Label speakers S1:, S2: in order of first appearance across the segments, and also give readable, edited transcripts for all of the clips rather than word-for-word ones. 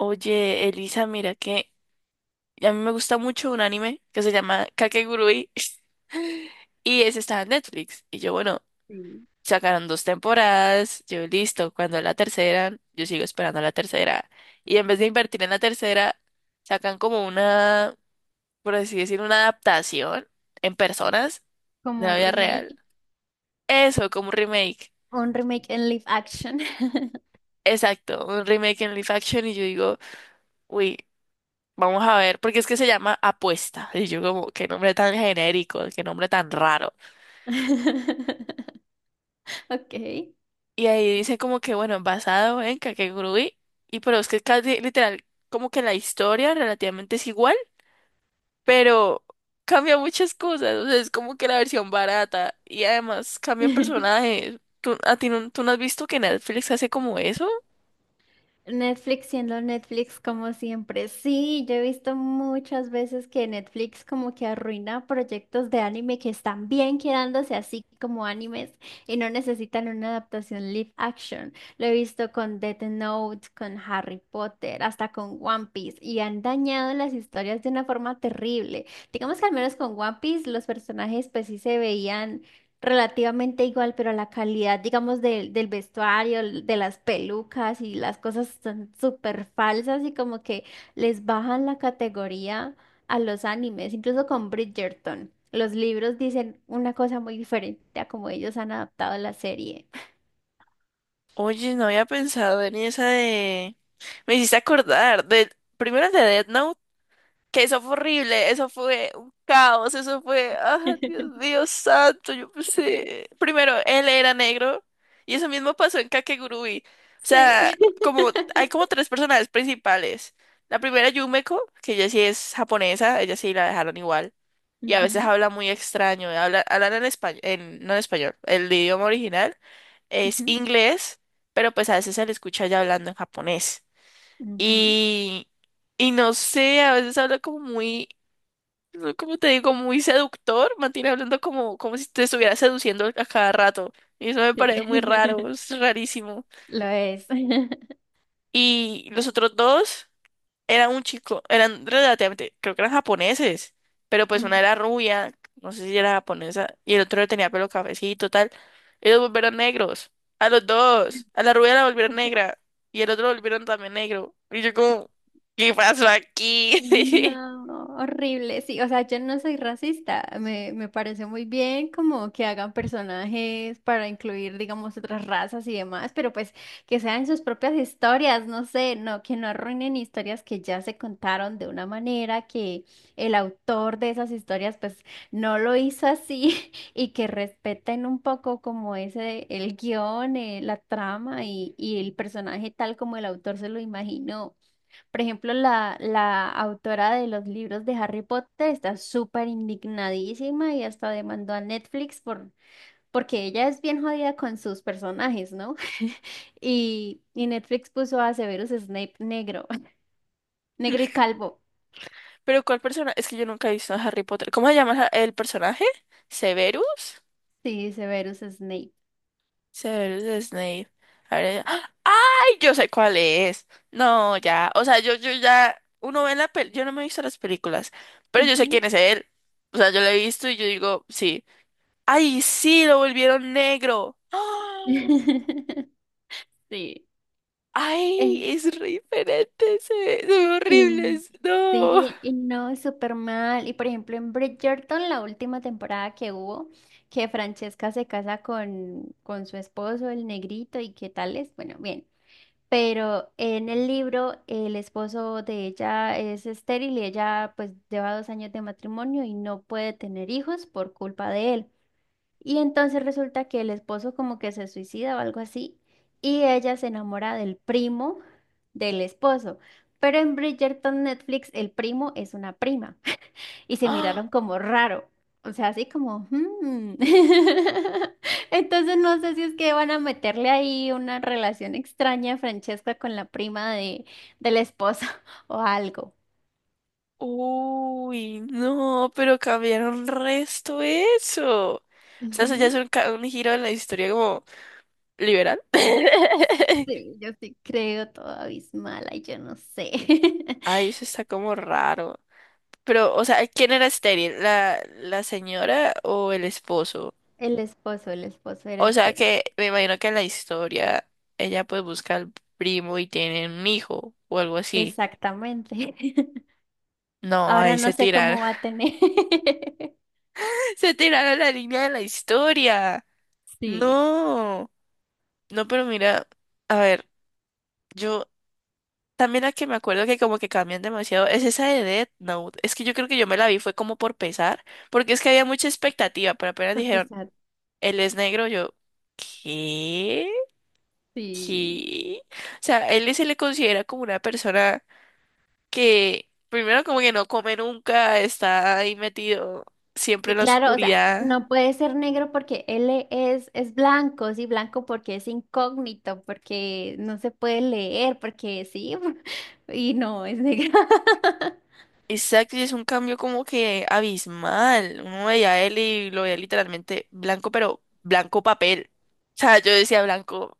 S1: Oye, Elisa, mira que a mí me gusta mucho un anime que se llama Kakegurui y ese está en Netflix. Y yo, bueno,
S2: Sí.
S1: sacaron dos temporadas, yo listo, cuando la tercera, yo sigo esperando la tercera. Y en vez de invertir en la tercera, sacan como una, por así decir, una adaptación en personas
S2: Como
S1: de la vida real. Eso, como un remake.
S2: un remake en live action.
S1: Exacto, un remake en live action y yo digo, uy. Vamos a ver, porque es que se llama Apuesta. Y yo como, qué nombre tan genérico, qué nombre tan raro.
S2: Ok.
S1: Y ahí dice como que, bueno, basado en Kakegurui, pero es que casi literal, como que la historia relativamente es igual, pero cambia muchas cosas, o sea, es como que la versión barata y además cambian personajes. ¿Tú, a ti no, tú no has visto que Netflix hace como eso?
S2: Netflix siendo Netflix como siempre. Sí, yo he visto muchas veces que Netflix como que arruina proyectos de anime que están bien quedándose así como animes y no necesitan una adaptación live action. Lo he visto con Death Note, con Harry Potter, hasta con One Piece y han dañado las historias de una forma terrible. Digamos que al menos con One Piece los personajes pues sí se veían relativamente igual, pero la calidad, digamos, del vestuario, de las pelucas y las cosas son súper falsas y como que les bajan la categoría a los animes, incluso con Bridgerton. Los libros dicen una cosa muy diferente a como ellos han adaptado la serie.
S1: Oye, no había pensado en esa de. Me hiciste acordar de. Primero el de Death Note, que eso fue horrible, eso fue un caos, ah, Dios mío santo. Yo pensé, primero, él era negro, y eso mismo pasó en Kakegurui. O
S2: Sí.
S1: sea, como, hay como tres personajes principales, la primera Yumeko, que ella sí es japonesa, ella sí la dejaron igual, y a veces
S2: Ujú,
S1: habla muy extraño, hablan en español, no en español. El idioma original es
S2: ujú,
S1: inglés, pero pues a veces se le escucha ya hablando en japonés,
S2: ujú,
S1: y... Y no sé, a veces habla como muy no, como te digo, muy seductor, mantiene hablando como si te estuviera seduciendo a cada rato. Y eso me
S2: sí.
S1: parece muy raro, es rarísimo.
S2: Lo es.
S1: Y los otros dos eran un chico, eran relativamente, creo que eran japoneses, pero pues una era rubia, no sé si era japonesa, y el otro tenía pelo cafecito, tal. Y los volvieron negros, a los dos, a la rubia la volvieron negra, y el otro lo volvieron también negro. Y yo como, ¿qué pasó aquí?
S2: No, horrible, sí, o sea, yo no soy racista, me parece muy bien como que hagan personajes para incluir, digamos, otras razas y demás, pero pues que sean sus propias historias, no sé, no, que no arruinen historias que ya se contaron de una manera que el autor de esas historias pues no lo hizo así y que respeten un poco como ese, el guión, la trama y el personaje tal como el autor se lo imaginó. Por ejemplo, la autora de los libros de Harry Potter está súper indignadísima y hasta demandó a Netflix por, porque ella es bien jodida con sus personajes, ¿no? Y Netflix puso a Severus Snape negro, negro y calvo.
S1: Pero ¿cuál persona? Es que yo nunca he visto a Harry Potter. ¿Cómo se llama el personaje? ¿Severus?
S2: Sí, Severus Snape.
S1: Severus Snape. A ver, ¡ah! ¡Ay! Yo sé cuál es. No, ya. O sea, yo ya. Uno ve la pel... Yo no me he visto las películas. Pero yo sé quién
S2: Ujú.
S1: es él. O sea, yo lo he visto y yo digo, sí. ¡Ay, sí! Lo volvieron negro. ¡Ah!
S2: Sí.
S1: ¡Ay! Es re diferente. Se ve
S2: Y
S1: horrible.
S2: sí, y no, súper mal. Y por ejemplo, en Bridgerton, la última temporada que hubo, que Francesca se casa con su esposo, el negrito, y qué tal es, bueno, bien. Pero en el libro, el esposo de ella es estéril y ella pues lleva 2 años de matrimonio y no puede tener hijos por culpa de él. Y entonces resulta que el esposo como que se suicida o algo así, y ella se enamora del primo del esposo. Pero en Bridgerton Netflix el primo es una prima y se
S1: No.
S2: miraron como raro. O sea, así como... "Hmm". Entonces no sé si es que van a meterle ahí una relación extraña a Francesca con la prima del esposo o algo.
S1: Uy, no, pero cambiaron resto eso. O sea, eso ya es
S2: Ujú.
S1: un giro en la historia como liberal.
S2: Sí, yo sí creo todo abismal, ay, yo no sé.
S1: Ay, eso está como raro. Pero, o sea, ¿quién era estéril? ¿La señora o el esposo?
S2: El esposo era
S1: O sea,
S2: estéril.
S1: que me imagino que en la historia ella pues busca al primo y tienen un hijo o algo así.
S2: Exactamente.
S1: No,
S2: Ahora
S1: ahí
S2: no
S1: se
S2: sé cómo
S1: tiraron.
S2: va a tener.
S1: Se tiraron la línea de la historia.
S2: Sí,
S1: No. No, pero mira, a ver. Yo también la que me acuerdo que como que cambian demasiado es esa de Death Note. Es que yo creo que yo me la vi fue como por pesar, porque es que había mucha expectativa, pero apenas
S2: por
S1: dijeron,
S2: pesar.
S1: él es negro, yo, ¿qué?
S2: Sí.
S1: ¿Qué? O sea, él se le considera como una persona que primero como que no come nunca, está ahí metido siempre
S2: Sí,
S1: en la
S2: claro, o sea,
S1: oscuridad.
S2: no puede ser negro porque él es blanco, sí, blanco porque es incógnito, porque no se puede leer, porque sí, y no, es negro.
S1: Exacto, y es un cambio como que abismal. Uno veía a él y lo veía literalmente blanco, pero blanco papel. O sea, yo decía blanco,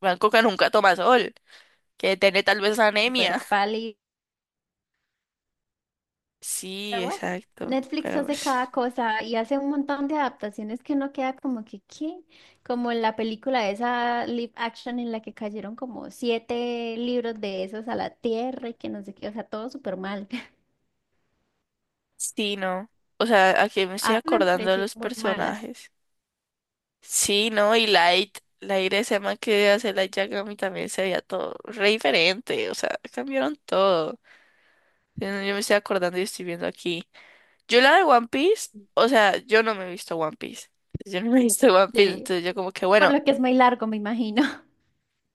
S1: blanco que nunca toma sol, que tiene tal vez
S2: Súper
S1: anemia.
S2: pálido.
S1: Sí,
S2: Pero bueno,
S1: exacto,
S2: Netflix
S1: pero
S2: hace cada
S1: pues,
S2: cosa y hace un montón de adaptaciones que uno queda como que, ¿qué? Como en la película esa live action en la que cayeron como siete libros de esos a la tierra y que no sé qué, o sea, todo súper mal.
S1: sí, no. O sea, aquí me estoy
S2: A mí me
S1: acordando de
S2: parecieron
S1: los
S2: muy malas.
S1: personajes. Sí, no, y Light ese man que hace Light Yagami también se veía todo re diferente. O sea, cambiaron todo. Yo me estoy acordando y estoy viendo aquí. Yo la de One Piece, o sea, yo no me he visto One Piece. Yo no me he visto One Piece,
S2: Sí,
S1: entonces yo como que,
S2: por
S1: bueno,
S2: lo que es muy largo, me imagino.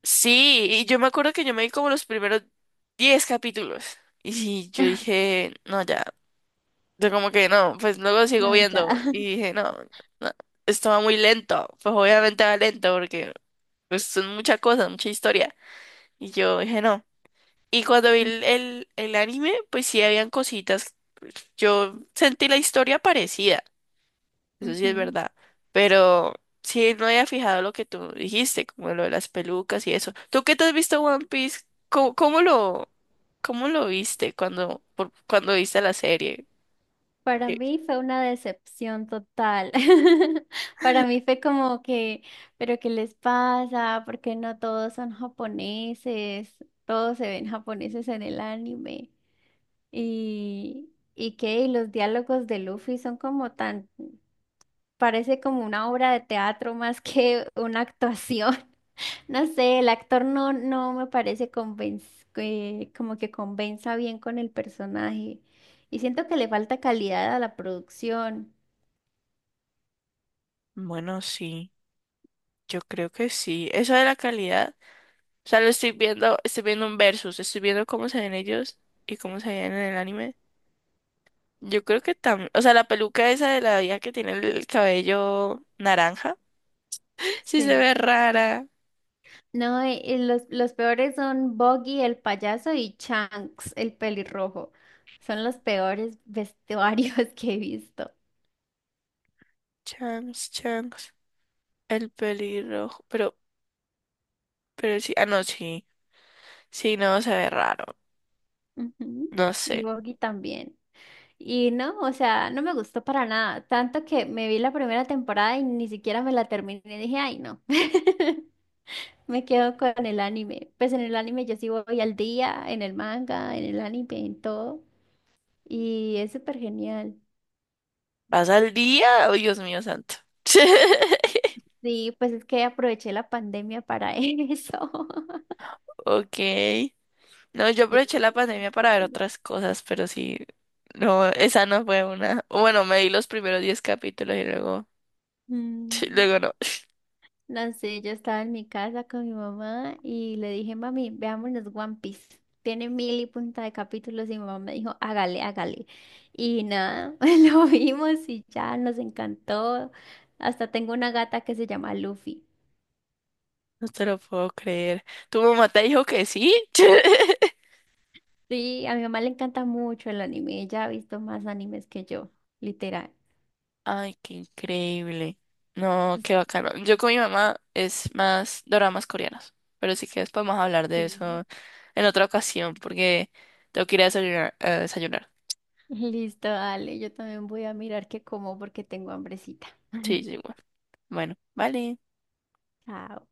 S1: sí, y yo me acuerdo que yo me vi como los primeros 10 capítulos. Y sí, yo dije, no, ya, yo como que no, pues luego sigo
S2: No, ya.
S1: viendo. Y dije, no, no, esto va muy lento, pues obviamente va lento porque pues, son muchas cosas, mucha historia. Y yo dije, no. Y cuando vi el, el, el anime, pues sí habían cositas, yo sentí la historia parecida. Eso sí es
S2: Ujú.
S1: verdad. Pero sí no había fijado lo que tú dijiste, como lo de las pelucas y eso. ¿Tú qué te has visto One Piece? ¿Cómo, cómo lo, cómo lo viste cuando viste la serie?
S2: Para
S1: Eh,
S2: mí fue una decepción total. Para mí fue como que, pero ¿qué les pasa? ¿Por qué no todos son japoneses? Todos se ven japoneses en el anime. Y qué, y los diálogos de Luffy son como tan, parece como una obra de teatro más que una actuación. No sé, el actor no me parece como que convenza bien con el personaje. Y siento que le falta calidad a la producción.
S1: Bueno, sí, yo creo que sí. Eso de la calidad. O sea, lo estoy viendo un versus, estoy viendo cómo se ven ellos y cómo se ven en el anime. Yo creo que también, o sea, la peluca esa de la vieja que tiene el cabello naranja, sí se
S2: Sí.
S1: ve rara.
S2: No, los peores son Boggy, el payaso, y Chunks, el pelirrojo. Son los peores vestuarios que he visto.
S1: Chunks. El pelirrojo. Pero sí. Ah, no, sí. Sí, no, se ve raro.
S2: Ujú.
S1: No
S2: Y
S1: sé.
S2: Boggy también. Y no, o sea, no me gustó para nada. Tanto que me vi la primera temporada y ni siquiera me la terminé. Dije, ay, no. Me quedo con el anime. Pues en el anime yo sí voy al día, en el manga, en el anime, en todo. Y es súper genial.
S1: ¿Vas al día? Oh, Dios mío santo.
S2: Sí, pues es que aproveché la pandemia para eso.
S1: Ok. No, yo
S2: Yo
S1: aproveché
S2: me
S1: la
S2: lo vi en
S1: pandemia para ver
S2: pandemia.
S1: otras cosas, pero sí. No, esa no fue una. O Bueno, me di los primeros 10 capítulos y luego.
S2: Mm,
S1: Luego no.
S2: No sé, yo estaba en mi casa con mi mamá y le dije, mami, veámonos One Piece. Tiene mil y punta de capítulos y mi mamá me dijo, hágale, hágale. Y nada, lo vimos y ya nos encantó. Hasta tengo una gata que se llama Luffy.
S1: No te lo puedo creer. ¿Tu mamá te dijo que sí?
S2: Sí, a mi mamá le encanta mucho el anime. Ella ha visto más animes que yo, literal.
S1: Ay, qué increíble. No, qué bacano. Yo con mi mamá es más doramas coreanos, pero sí que después vamos a hablar de
S2: Sí.
S1: eso en otra ocasión porque tengo que ir a desayunar.
S2: Listo, dale, yo también voy a mirar qué como porque tengo hambrecita.
S1: Sí, sí, bueno. Bueno, vale.
S2: Chao.